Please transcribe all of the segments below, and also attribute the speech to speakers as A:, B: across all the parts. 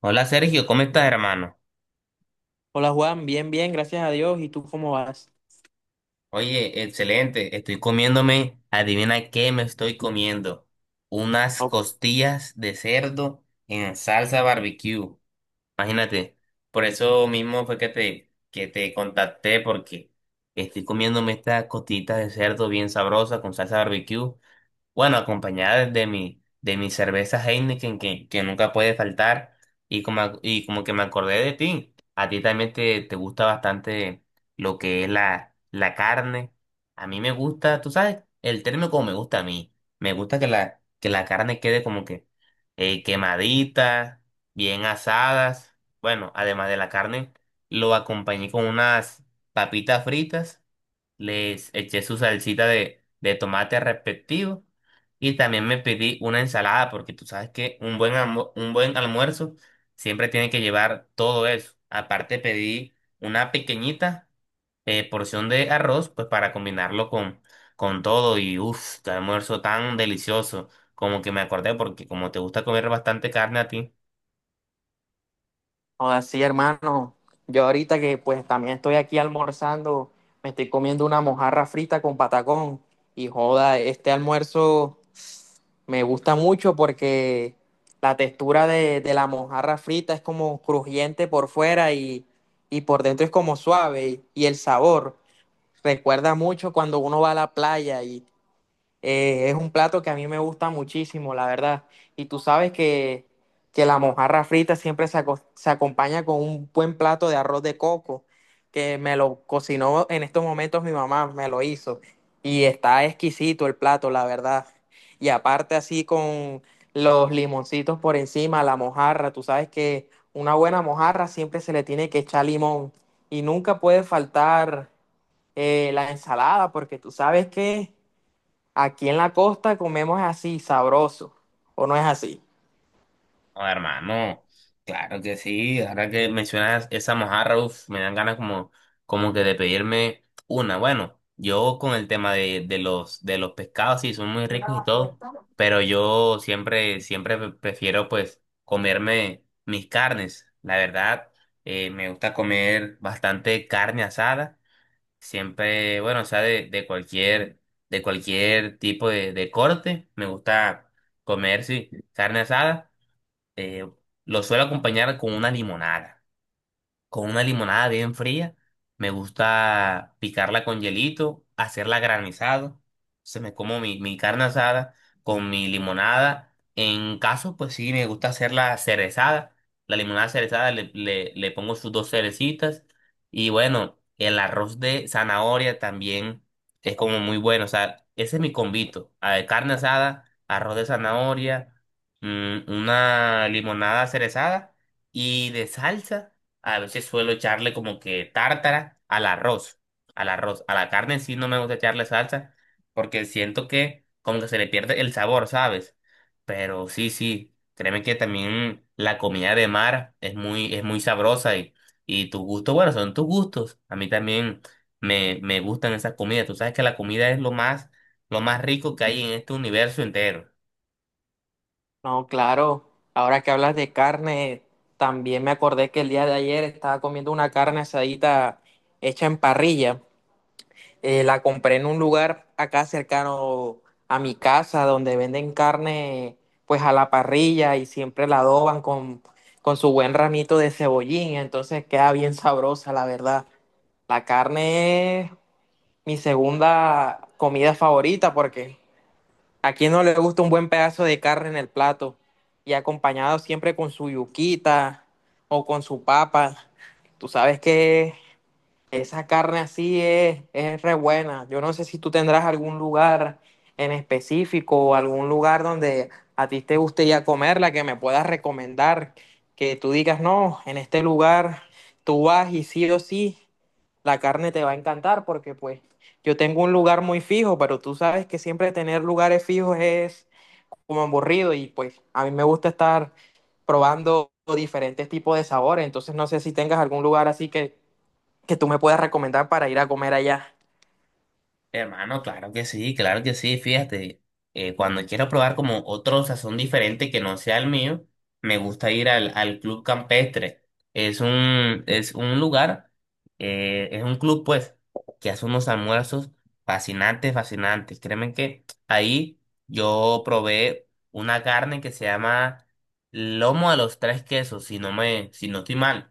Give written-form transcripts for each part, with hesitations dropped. A: Hola Sergio, ¿cómo estás, hermano?
B: Hola Juan, bien, bien, gracias a Dios. ¿Y tú cómo vas?
A: Oye, excelente. Estoy comiéndome, adivina qué me estoy comiendo. Unas
B: O-
A: costillas de cerdo en salsa barbecue. Imagínate. Por eso mismo fue que te contacté porque estoy comiéndome esta costillita de cerdo bien sabrosa con salsa barbecue. Bueno, acompañada de mi cerveza Heineken que nunca puede faltar. Y como que me acordé de ti, a ti también te gusta bastante lo que es la carne. A mí me gusta, tú sabes, el término como me gusta a mí. Me gusta que la carne quede como que quemadita, bien asadas. Bueno, además de la carne, lo acompañé con unas papitas fritas. Les eché su salsita de tomate respectivo y también me pedí una ensalada, porque tú sabes que un buen almuerzo siempre tiene que llevar todo eso. Aparte pedí una pequeñita porción de arroz, pues para combinarlo con todo. Y uff, qué almuerzo tan delicioso. Como que me acordé, porque como te gusta comer bastante carne a ti.
B: Ahora sí, hermano. Yo ahorita que pues también estoy aquí almorzando, me estoy comiendo una mojarra frita con patacón. Y joda, este almuerzo me gusta mucho porque la textura de la mojarra frita es como crujiente por fuera y por dentro es como suave. Y el sabor recuerda mucho cuando uno va a la playa. Es un plato que a mí me gusta muchísimo, la verdad. Y tú sabes que la mojarra frita siempre se, se acompaña con un buen plato de arroz de coco, que me lo cocinó en estos momentos mi mamá, me lo hizo. Y está exquisito el plato, la verdad. Y aparte así con los limoncitos por encima, la mojarra, tú sabes que una buena mojarra siempre se le tiene que echar limón. Y nunca puede faltar la ensalada, porque tú sabes que... Aquí en la costa comemos así, sabroso, ¿o no es así?
A: No, hermano, claro que sí. Ahora que mencionas esa mojarra, uf, me dan ganas como, como que de pedirme una. Bueno, yo con el tema de los pescados, sí, son muy ricos y todo, pero yo siempre, siempre prefiero pues comerme mis carnes. La verdad, me gusta comer bastante carne asada. Siempre, bueno, o sea, de cualquier tipo de corte, me gusta comer, sí, carne asada, eh, lo suelo acompañar con una limonada, con una limonada bien fría. Me gusta picarla con hielito, hacerla granizado. Se me como mi carne asada con mi limonada. En caso, pues sí, me gusta hacerla cerezada. La limonada cerezada le pongo sus dos cerecitas. Y bueno, el arroz de zanahoria también es como muy bueno. O sea, ese es mi convito. A ver, carne asada, arroz de zanahoria, una limonada cerezada y de salsa. A veces suelo echarle como que tártara al arroz, a la carne sí no me gusta echarle salsa porque siento que como que se le pierde el sabor, ¿sabes? Pero sí, sí, créeme que también la comida de mar es muy sabrosa y tus gustos, bueno, son tus gustos. A mí también me gustan esas comidas. Tú sabes que la comida es lo más rico que hay en este universo entero.
B: No, claro, ahora que hablas de carne, también me acordé que el día de ayer estaba comiendo una carne asadita hecha en parrilla. La compré en un lugar acá cercano a mi casa donde venden carne pues a la parrilla y siempre la adoban con su buen ramito de cebollín, entonces queda bien sabrosa, la verdad. La carne es mi segunda comida favorita porque, ¿a quién no le gusta un buen pedazo de carne en el plato? Y acompañado siempre con su yuquita o con su papa. Tú sabes que esa carne así es re buena. Yo no sé si tú tendrás algún lugar en específico o algún lugar donde a ti te guste ya comerla, que me puedas recomendar, que tú digas, no, en este lugar tú vas y sí o sí, la carne te va a encantar, porque pues yo tengo un lugar muy fijo, pero tú sabes que siempre tener lugares fijos es como aburrido y pues a mí me gusta estar probando diferentes tipos de sabores, entonces no sé si tengas algún lugar así que tú me puedas recomendar para ir a comer allá.
A: Hermano, claro que sí, fíjate, cuando quiero probar como otro sazón diferente que no sea el mío, me gusta ir al Club Campestre. Es un lugar, es un club pues, que hace unos almuerzos fascinantes, fascinantes. Créeme que ahí yo probé una carne que se llama lomo a los tres quesos, si no estoy mal.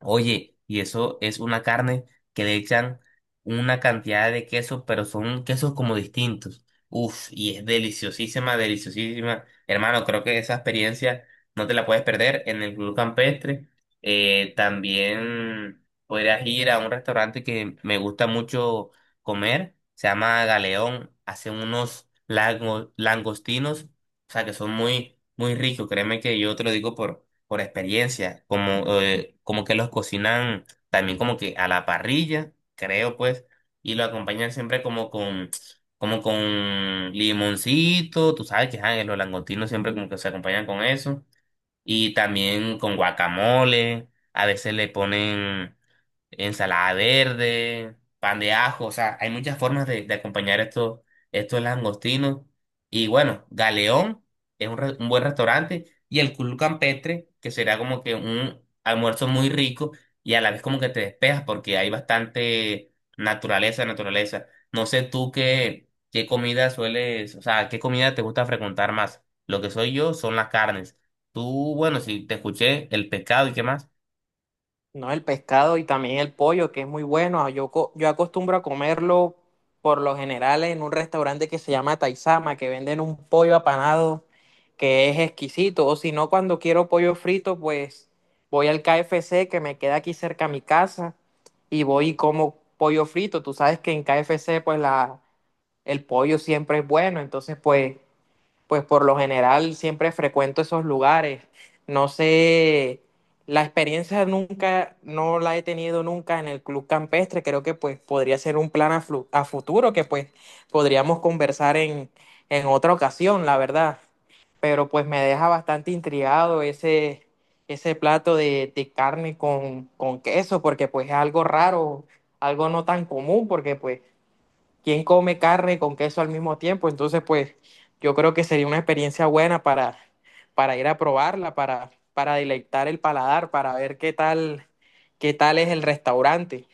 A: Oye, y eso es una carne que le echan una cantidad de queso, pero son quesos como distintos. Uf, y es deliciosísima, deliciosísima. Hermano, creo que esa experiencia no te la puedes perder en el Club Campestre. También podrías ir a un restaurante que me gusta mucho comer, se llama Galeón. Hacen unos langostinos, o sea, que son muy, muy ricos. Créeme que yo te lo digo por experiencia, como, como que los cocinan también como que a la parrilla, creo pues, y lo acompañan siempre como como con limoncito, tú sabes que ajá, los langostinos siempre como que se acompañan con eso, y también con guacamole, a veces le ponen ensalada verde, pan de ajo, o sea, hay muchas formas de acompañar estos langostinos. Y bueno, Galeón es un buen restaurante y el Club Campestre, que será como que un almuerzo muy rico y a la vez como que te despejas porque hay bastante naturaleza, naturaleza. No sé tú qué, qué comida sueles, o sea, qué comida te gusta frecuentar más. Lo que soy yo son las carnes. Tú, bueno, si te escuché, el pescado y qué más.
B: No, el pescado y también el pollo, que es muy bueno. Ah, yo, yo acostumbro a comerlo por lo general en un restaurante que se llama Taizama, que venden un pollo apanado que es exquisito. O si no, cuando quiero pollo frito, pues voy al KFC que me queda aquí cerca a mi casa y voy y como pollo frito. Tú sabes que en KFC, pues el pollo siempre es bueno. Entonces, pues por lo general siempre frecuento esos lugares. No sé, la experiencia nunca, no la he tenido nunca en el Club Campestre. Creo que pues podría ser un plan a, a futuro que pues podríamos conversar en otra ocasión, la verdad. Pero pues me deja bastante intrigado ese, ese plato de carne con queso, porque pues es algo raro, algo no tan común, porque pues quién come carne con queso al mismo tiempo. Entonces, pues yo creo que sería una experiencia buena para ir a probarla, para deleitar el paladar, para ver qué tal es el restaurante.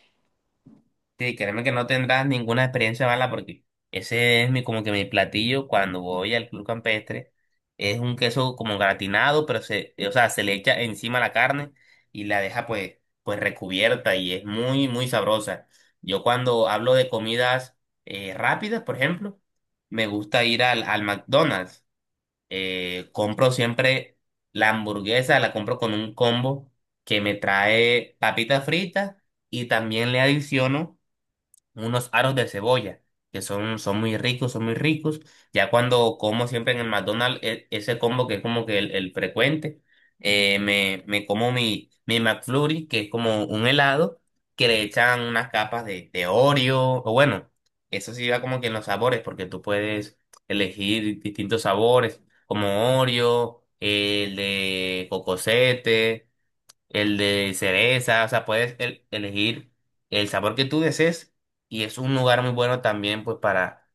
A: Sí, créeme que no tendrás ninguna experiencia mala porque ese es mi, como que mi platillo cuando voy al club campestre. Es un queso como gratinado, pero se, o sea, se le echa encima la carne y la deja pues, pues recubierta y es muy, muy sabrosa. Yo cuando hablo de comidas rápidas, por ejemplo, me gusta ir al McDonald's. Compro siempre la hamburguesa, la compro con un combo que me trae papitas fritas y también le adiciono unos aros de cebolla, que son, son muy ricos, son muy ricos. Ya cuando como siempre en el McDonald's, ese combo que es como que el frecuente, me como mi McFlurry, que es como un helado, que le echan unas capas de Oreo, o bueno, eso sí va como que en los sabores, porque tú puedes elegir distintos sabores, como Oreo, el de cocosete, el de cereza, o sea, puedes elegir el sabor que tú desees y es un lugar muy bueno también pues para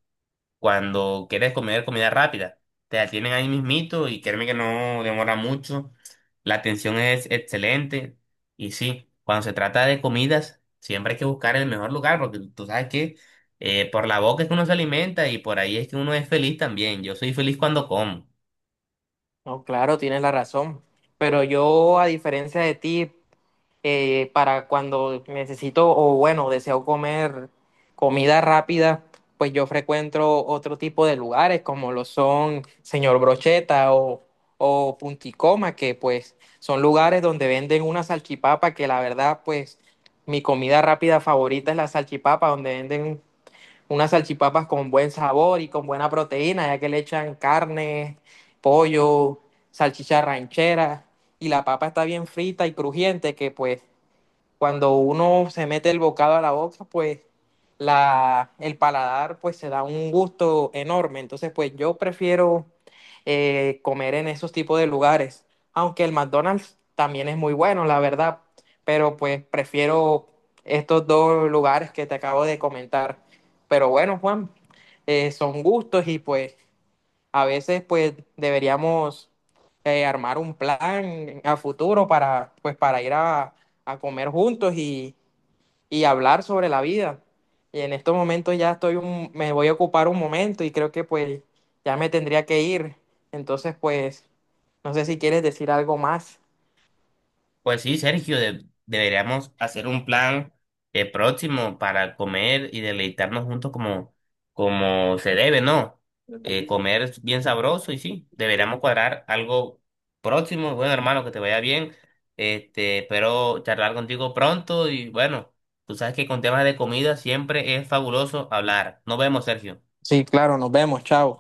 A: cuando quieres comer comida rápida. Te la tienen ahí mismito y créeme que no demora mucho. La atención es excelente y sí, cuando se trata de comidas siempre hay que buscar el mejor lugar porque tú sabes que por la boca es que uno se alimenta y por ahí es que uno es feliz también. Yo soy feliz cuando como.
B: No, claro, tienes la razón. Pero yo, a diferencia de ti, para cuando necesito o bueno, deseo comer comida rápida, pues yo frecuento otro tipo de lugares como lo son Señor Brocheta o Punticoma, que pues son lugares donde venden una salchipapa que la verdad pues mi comida rápida favorita es la salchipapa, donde venden unas salchipapas con buen sabor y con buena proteína, ya que le echan carne, pollo, salchicha ranchera y la papa está bien frita y crujiente que pues cuando uno se mete el bocado a la boca, pues el paladar pues se da un gusto enorme. Entonces, pues yo prefiero comer en esos tipos de lugares, aunque el McDonald's también es muy bueno, la verdad, pero pues prefiero estos dos lugares que te acabo de comentar. Pero bueno, Juan, son gustos y pues a veces pues deberíamos armar un plan a futuro para, pues, para ir a comer juntos y hablar sobre la vida. Y en estos momentos ya estoy un, me voy a ocupar un momento y creo que pues ya me tendría que ir. Entonces pues no sé si quieres decir algo más.
A: Pues sí, Sergio, deberíamos hacer un plan próximo para comer y deleitarnos juntos como, como se debe, ¿no? Comer es bien sabroso y sí, deberíamos cuadrar algo próximo. Bueno, hermano, que te vaya bien. Este, espero charlar contigo pronto y bueno, tú sabes que con temas de comida siempre es fabuloso hablar. Nos vemos, Sergio.
B: Sí, claro, nos vemos, chao.